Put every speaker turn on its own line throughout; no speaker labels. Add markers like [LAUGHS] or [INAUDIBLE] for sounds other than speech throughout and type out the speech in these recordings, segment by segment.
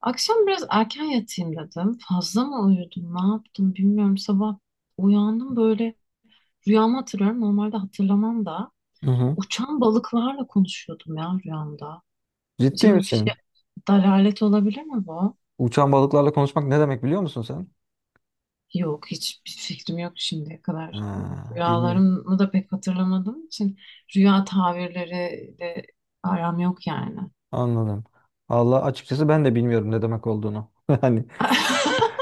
Akşam biraz erken yatayım dedim. Fazla mı uyudum, ne yaptım bilmiyorum. Sabah uyandım, böyle rüyamı hatırlıyorum. Normalde hatırlamam da.
Hı hı.
Uçan balıklarla konuşuyordum ya rüyamda.
Ciddi
Acaba bir şey
misin?
dalalet olabilir mi bu?
Uçan balıklarla konuşmak ne demek biliyor musun sen?
Yok, hiçbir fikrim yok şimdiye kadar.
Ha, bilmiyorum.
Rüyalarımı da pek hatırlamadığım için rüya tabirleri de aram yok yani.
Anladım. Allah açıkçası ben de bilmiyorum ne demek olduğunu. [LAUGHS] Yani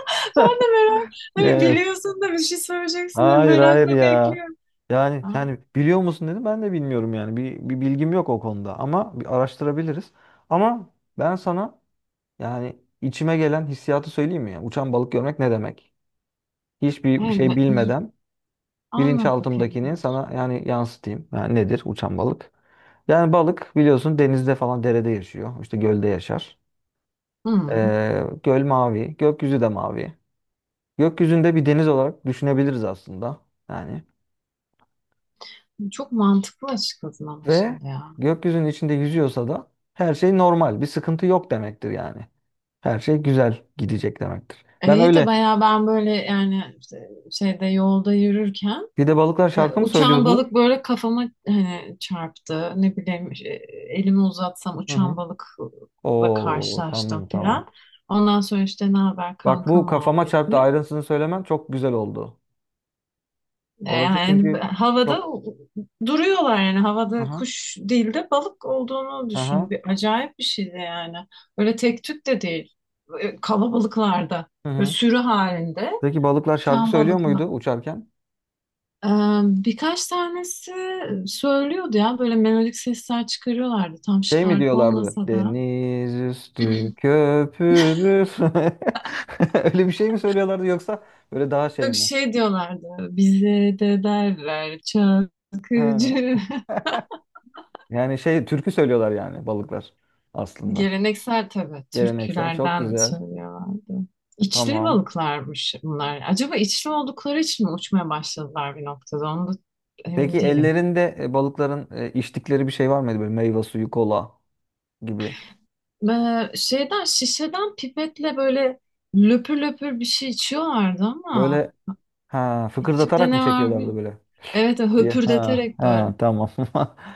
[LAUGHS] Ben de merak, hani
evet.
biliyorsun da bir şey söyleyeceksin diye
Hayır hayır
merakla
ya.
bekliyorum.
Yani
Aa,
yani biliyor musun dedim ben de bilmiyorum yani. Bir bilgim yok o konuda ama bir araştırabiliriz. Ama ben sana yani içime gelen hissiyatı söyleyeyim mi, ya? Uçan balık görmek ne demek? Hiçbir şey
evet,
bilmeden
anlat bakayım.
bilinçaltımdakini sana yani yansıtayım. Yani nedir uçan balık? Yani balık biliyorsun denizde falan derede yaşıyor. İşte gölde yaşar.
Hı,
Göl mavi, gökyüzü de mavi. Gökyüzünde bir deniz olarak düşünebiliriz aslında. Yani
çok mantıklı açıkladın ama
ve
şimdi ya.
gökyüzünün içinde yüzüyorsa da her şey normal, bir sıkıntı yok demektir yani. Her şey güzel gidecek demektir.
E,
Ben
İyi de
öyle.
bayağı ben böyle yani işte şeyde yolda yürürken
Bir de balıklar şarkı mı
uçan
söylüyordu?
balık böyle kafama hani çarptı. Ne bileyim elimi uzatsam
Hı
uçan
hı.
balıkla
Oo,
karşılaştım
tamam
filan.
tamam.
Ondan sonra işte ne haber
Bak
kanka
bu kafama çarptı
muhabbeti.
ayrıntısını söylemen çok güzel oldu.
E,
Orası
Yani
çünkü
havada
çok...
duruyorlar, yani havada
aha,
kuş değil de balık olduğunu
aha,
düşün. Acayip bir şeydi yani. Öyle tek tük de değil. Kalabalıklarda.
hı
Böyle
hı.
sürü halinde
Peki balıklar şarkı
uçan
söylüyor
balıklar.
muydu uçarken?
E, birkaç tanesi söylüyordu ya, böyle melodik sesler çıkarıyorlardı. Tam
Şey mi
şarkı
diyorlardı?
olmasa da.
Deniz üstü köpürür. [LAUGHS] Öyle bir şey mi söylüyorlardı yoksa böyle daha şey
Yok,
mi?
şey diyorlardı. Bize de derler çakıcı.
Ha.
[LAUGHS]
Yani şey türkü söylüyorlar yani balıklar aslında.
Geleneksel tabii
Geleneksel çok
türkülerden
güzel.
söylüyorlardı. İçli
Tamam.
balıklarmış bunlar. Acaba içli oldukları için mi uçmaya başladılar bir noktada? Onu da emin
Peki
değilim.
ellerinde balıkların içtikleri bir şey var mıydı böyle meyve suyu, kola gibi?
Şeyden şişeden pipetle böyle löpür löpür bir şey içiyorlardı ama
Böyle ha
içimde
fıkırdatarak mı
ne var bir?
çekiyorlardı böyle
Evet evet,
diye. Ha
höpürdeterek
ha,
böyle.
tamam. [LAUGHS]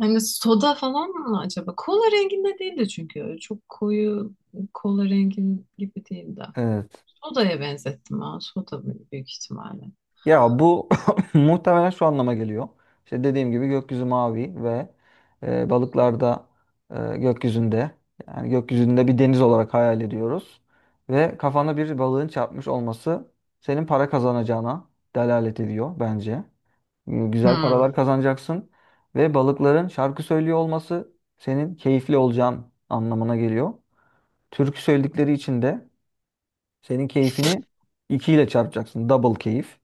Hani soda falan mı acaba? Kola renginde değildi çünkü. Çok koyu kola rengin gibi değildi.
Evet.
Soda'ya benzettim ha. Soda büyük ihtimalle.
Ya bu [LAUGHS] muhtemelen şu anlama geliyor. İşte dediğim gibi gökyüzü mavi ve balıklarda gökyüzünde yani gökyüzünde bir deniz olarak hayal ediyoruz. Ve kafana bir balığın çarpmış olması senin para kazanacağına delalet ediyor bence. Hmm, güzel paralar
Hmm.
kazanacaksın ve balıkların şarkı söylüyor olması senin keyifli olacağın anlamına geliyor. Türkü söyledikleri için de senin keyfini 2 ile çarpacaksın. Double keyif.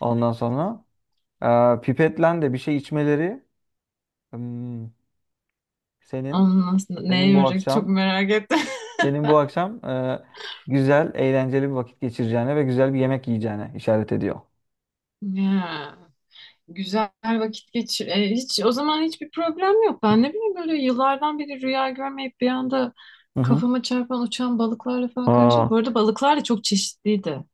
Ondan sonra pipetlen de bir şey içmeleri hmm, senin
Onun nasıl, neye
senin bu
yoracak çok
akşam
merak ettim. [LAUGHS]
senin bu akşam güzel eğlenceli bir vakit geçireceğine ve güzel bir yemek yiyeceğine işaret ediyor.
Ya, güzel vakit geçir. Hiç o zaman hiçbir problem yok. Ben ne bileyim, böyle yıllardan beri rüya görmeyip bir anda
Hı hı.
kafama çarpan uçan balıklarla falan karşı.
Aa,
Bu arada balıklar da çok çeşitliydi.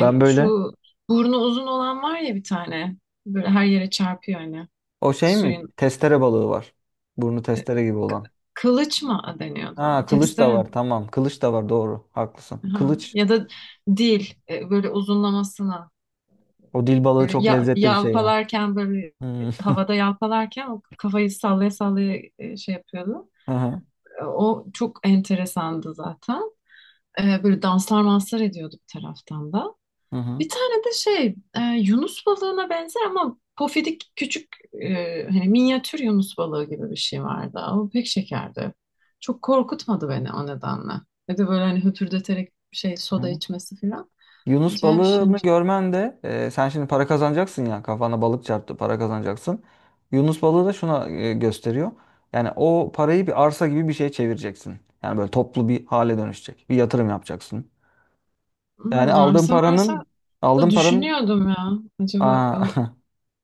ben böyle.
şu burnu uzun olan var ya bir tane. Böyle her yere çarpıyor hani.
O şey mi?
Suyun
Testere balığı var. Burnu
e,
testere gibi
k-
olan.
kılıç mı deniyordu
Ha
ona?
kılıç da
Testere mi?
var tamam. Kılıç da var doğru. Haklısın.
Aha.
Kılıç.
Ya da dil böyle uzunlamasına,
O dil balığı
böyle
çok
ya,
lezzetli bir şey ya.
yalpalarken, böyle
Hmm.
havada yalpalarken o kafayı sallaya sallaya şey yapıyordu.
Hı hı.
O çok enteresandı zaten. Böyle danslar manslar ediyordu bir taraftan da.
Hı hı.
Bir tane de şey Yunus balığına benzer ama pofidik küçük, hani minyatür Yunus balığı gibi bir şey vardı. Ama pek şekerdi. Çok korkutmadı beni o nedenle. Ya da böyle hani höpürdeterek şey soda
Hı.
içmesi falan.
Yunus
Acayip şey.
balığını görmen de sen şimdi para kazanacaksın ya kafana balık çarptı para kazanacaksın. Yunus balığı da şuna gösteriyor. Yani o parayı bir arsa gibi bir şeye çevireceksin. Yani böyle toplu bir hale dönüşecek. Bir yatırım yapacaksın. Yani
Hmm,
aldığın
arsa
paranın
varsa da
aldığın paranın
düşünüyordum ya. Acaba
aa,
o
[LAUGHS]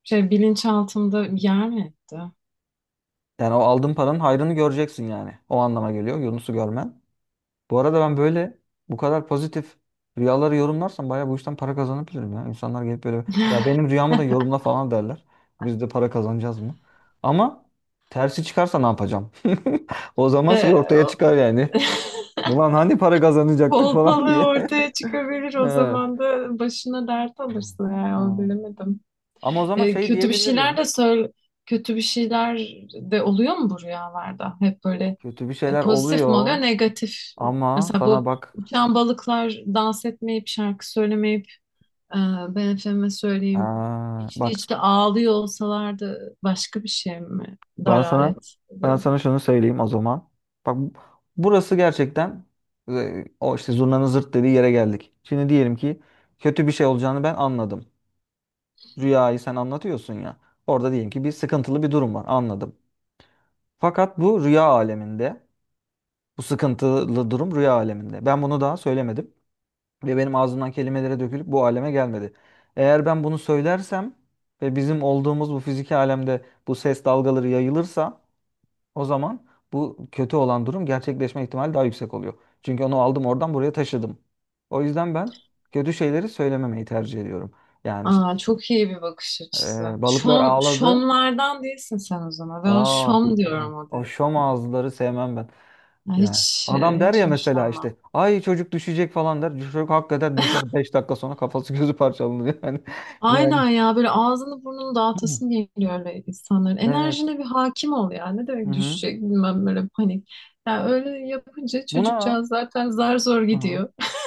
şey bilinçaltımda bir yer mi etti?
yani o aldığın paranın hayrını göreceksin yani. O anlama geliyor Yunus'u görmen. Bu arada ben böyle bu kadar pozitif rüyaları yorumlarsam bayağı bu işten para kazanabilirim ya. İnsanlar gelip böyle ya benim rüyamı da yorumla falan derler. Biz de para kazanacağız mı? Ama tersi çıkarsa ne yapacağım? [LAUGHS] O zaman şey
Ee,
ortaya
o-
çıkar yani.
[LAUGHS]
Ulan hani para kazanacaktık falan
Kolpalığı
diye. [LAUGHS]
ortaya çıkabilir o
Evet.
zaman, da başına dert alırsın, yani onu
Ha.
bilemedim.
Ama o zaman
Ee,
şey
kötü bir şeyler
diyebilirim.
de söyle, kötü bir şeyler de oluyor mu bu rüyalarda? Hep böyle
Kötü bir şeyler
pozitif mi oluyor,
oluyor
negatif?
ama
Mesela bu
sana bak
uçan balıklar dans etmeyip şarkı söylemeyip Ee, Ben efendime söyleyeyim
ha,
içli
bak
içli ağlıyor olsalardı, başka bir şey mi?
Ben
Dalalet
sana ben
oluyordu.
sana şunu söyleyeyim o zaman. Bak bu- burası gerçekten o işte zurnanın zırt dediği yere geldik. Şimdi diyelim ki kötü bir şey olacağını ben anladım. Rüyayı sen anlatıyorsun ya. Orada diyelim ki bir sıkıntılı bir durum var anladım. Fakat bu rüya aleminde bu sıkıntılı durum rüya aleminde. Ben bunu daha söylemedim ve benim ağzımdan kelimelere dökülüp bu aleme gelmedi. Eğer ben bunu söylersem ve bizim olduğumuz bu fiziki alemde bu ses dalgaları yayılırsa o zaman bu kötü olan durum gerçekleşme ihtimali daha yüksek oluyor. Çünkü onu aldım oradan buraya taşıdım. O yüzden ben kötü şeyleri söylememeyi tercih ediyorum. Yani işte
Aa, çok iyi bir bakış açısı.
balıklar
Şom,
ağladı.
şomlardan değilsin sen o zaman. Ben
Aa,
şom diyorum o
o şom
dediklerine.
ağızları sevmem ben.
Ya
Yani
hiç,
adam der
hiç
ya mesela
hoşlanmam.
işte ay çocuk düşecek falan der. Çocuk hakikaten düşer 5 dakika sonra kafası gözü parçalanır yani. [LAUGHS] Yani.
Aynen ya, böyle ağzını burnunu dağıtasın geliyor öyle insanların.
Evet.
Enerjine bir hakim ol ya. Ne
Hı
demek
hı.
düşecek bilmem, böyle panik. Ya öyle yapınca
Buna
çocukcağız zaten zar zor
hı hı.
gidiyor. [LAUGHS]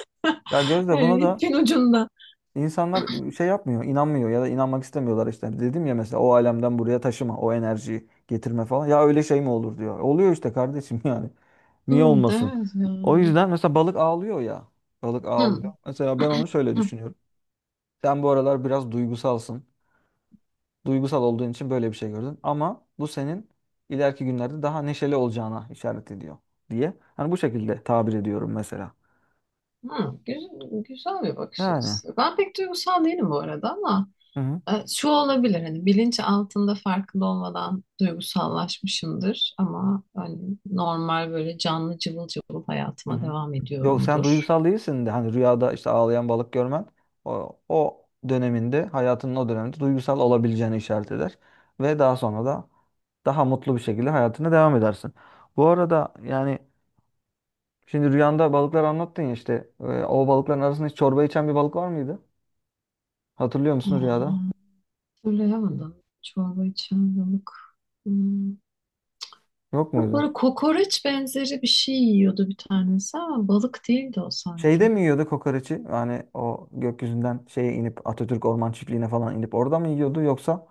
Ya Gözde buna
Evet,
da
İpin ucunda.
İnsanlar şey yapmıyor, inanmıyor ya da inanmak istemiyorlar işte. Dedim ya mesela o alemden buraya taşıma, o enerjiyi getirme falan. Ya öyle şey mi olur diyor. Oluyor işte kardeşim [LAUGHS] yani. Niye
Hı, değil
olmasın?
mi
O
yani?
yüzden mesela balık ağlıyor ya. Balık
Hı,
ağlıyor. Mesela ben onu şöyle
hı,
düşünüyorum. Sen bu aralar biraz duygusalsın. Duygusal olduğun için böyle bir şey gördün. Ama bu senin ileriki günlerde daha neşeli olacağına işaret ediyor diye. Hani bu şekilde tabir ediyorum mesela.
hı. Güzel, güzel bir bakış
Yani.
açısı. Ben pek duygusal değilim bu arada ama
Hı hı.
şu olabilir, hani bilinç altında farkında olmadan duygusallaşmışımdır ama hani normal böyle canlı cıvıl cıvıl
Hı
hayatıma
hı.
devam
Yok sen
ediyorumdur.
duygusal değilsin de hani rüyada işte ağlayan balık görmen o döneminde hayatının o döneminde duygusal olabileceğini işaret eder. Ve daha sonra da daha mutlu bir şekilde hayatına devam edersin. Bu arada yani şimdi rüyanda balıklar anlattın ya işte o balıkların arasında hiç çorba içen bir balık var mıydı? Hatırlıyor musun
Aa,
rüyada?
hatırlayamadım. Çorba içen balık. Hmm.
Yok
Yok,
muydu?
böyle kokoreç benzeri bir şey yiyordu bir tanesi ama balık değildi o
Şeyde
sanki.
mi yiyordu kokoreçi? Yani o gökyüzünden şeye inip Atatürk Orman Çiftliği'ne falan inip orada mı yiyordu yoksa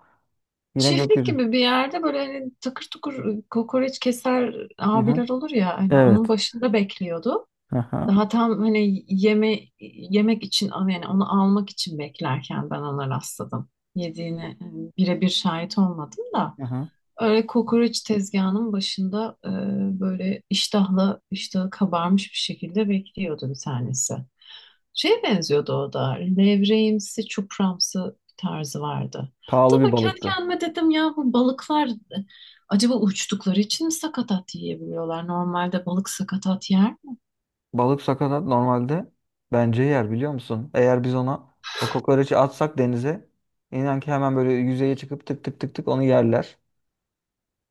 yine
Çiftlik
gökyüzü?
gibi bir yerde böyle hani takır tukur kokoreç keser
Hı hı.
abiler olur ya, hani onun
Evet.
başında bekliyordu.
Hı hı.
Daha tam hani yeme yemek için, yani onu almak için beklerken ben ona rastladım. Yediğine birebir şahit olmadım da,
Hı hı.
öyle kokoreç tezgahının başında böyle iştahla, iştahı kabarmış bir şekilde bekliyordu bir tanesi. Şeye benziyordu o da, levreğimsi çupramsı tarzı vardı.
Pahalı
Hatta
bir
ben kendi
balıktı.
kendime dedim ya, bu balıklar acaba uçtukları için mi sakatat yiyebiliyorlar? Normalde balık sakatat yer.
Balık sakatat normalde bence yer biliyor musun? Eğer biz ona o kokoreçi atsak denize inan ki hemen böyle yüzeye çıkıp tık tık tık tık onu yerler.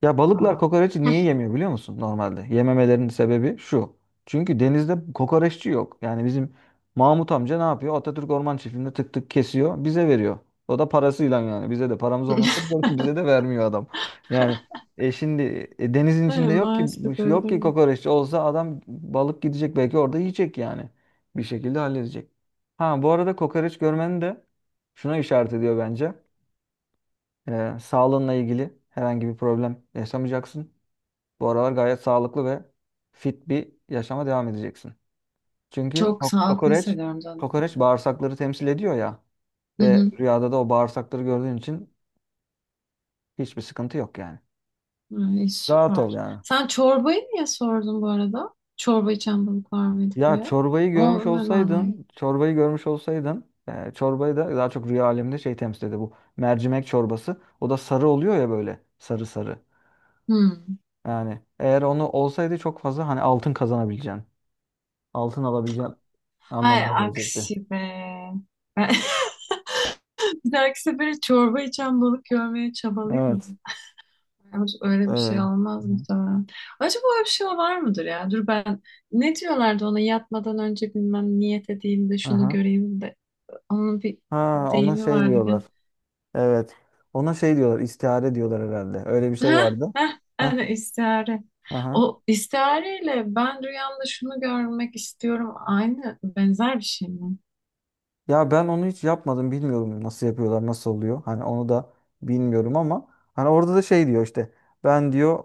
Ya balıklar
Aa.
kokoreçi niye yemiyor biliyor musun normalde? Yememelerinin sebebi şu. Çünkü denizde kokoreççi yok. Yani bizim Mahmut amca ne yapıyor? Atatürk Orman Çiftliği'nde tık tık kesiyor, bize veriyor. O da parasıyla yani. Bize de paramız olmasa [LAUGHS]
[LAUGHS]
bize de vermiyor adam. Yani şimdi denizin
Evet,
içinde yok ki
maalesef öyle
yok
değil
ki
mi?
kokoreççi olsa adam balık gidecek belki orada yiyecek yani. Bir şekilde halledecek. Ha bu arada kokoreç görmenin de şuna işaret ediyor bence. Sağlığınla ilgili herhangi bir problem yaşamayacaksın. Bu aralar gayet sağlıklı ve fit bir yaşama devam edeceksin. Çünkü
Çok sağlıklı
kokoreç,
hissediyorum zaten
kokoreç
kendimi.
bağırsakları temsil ediyor ya
Hı
ve
hı.
rüyada da o bağırsakları gördüğün için hiçbir sıkıntı yok yani.
Ay,
Rahat ol
süper.
yani.
Sen çorbayı niye sordun bu arada? Çorba içen balık var mıydı
Ya
diye.
çorbayı görmüş
O ne manayı?
olsaydın, çorbayı görmüş olsaydın, çorbayı da daha çok rüya aleminde şey temsil ediyor bu mercimek çorbası. O da sarı oluyor ya böyle sarı sarı.
Hmm.
Yani eğer onu olsaydı çok fazla hani altın kazanabileceğin, altın alabileceğin
Hay
anlamına gelecekti.
aksi be. Ben [LAUGHS] bir dahaki sefere çorba içen balık görmeye çabalayayım mı?
Evet.
Ama öyle bir şey
Hı
olmaz
hı.
muhtemelen. Acaba öyle bir şey var mıdır ya? Dur ben, ne diyorlardı ona, yatmadan önce bilmem niyet edeyim de şunu
Aha.
göreyim de. Onun bir
Ha ona
deyimi
şey
vardı gene.
diyorlar. Evet. Ona şey diyorlar. İstihare diyorlar herhalde. Öyle bir şey
Heh,
vardı.
heh,
Heh.
evet, istihare.
Aha.
O istihareyle ben rüyamda şunu görmek istiyorum. Aynı benzer bir şey mi?
Ya ben onu hiç yapmadım. Bilmiyorum nasıl yapıyorlar, nasıl oluyor. Hani onu da bilmiyorum ama hani orada da şey diyor işte. Ben diyor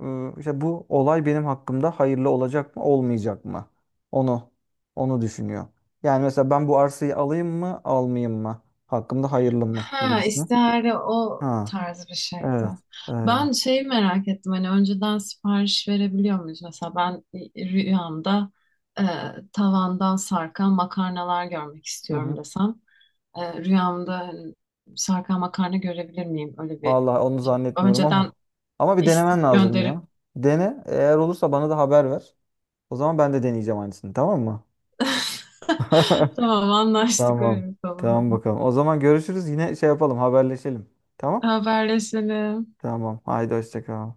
işte bu olay benim hakkımda hayırlı olacak mı, olmayacak mı? Onu onu düşünüyor. Yani mesela ben bu arsayı alayım mı, almayayım mı? Hakkımda hayırlı mı gibi
Ha,
düşünüyor.
istihare o
Ha.
tarz bir şeydi.
Evet. Öyle.
Ben şeyi merak ettim. Hani önceden sipariş verebiliyor muyuz? Mesela ben rüyamda e, tavandan sarkan makarnalar görmek istiyorum desem. Rüyamda hani sarkan makarna görebilir miyim? Öyle bir
Vallahi onu zannetmiyorum
önceden
ama. Ama bir
istek
denemen lazım
gönderip.
ya. Dene. Eğer olursa bana da haber ver. O zaman ben de deneyeceğim aynısını, tamam mı?
[LAUGHS]
[LAUGHS]
Tamam, anlaştık, öyle
Tamam.
yapalım o
Tamam
zaman.
bakalım. O zaman görüşürüz. Yine şey yapalım, haberleşelim. Tamam?
Haberleşelim.
Tamam. Haydi hoşça kal.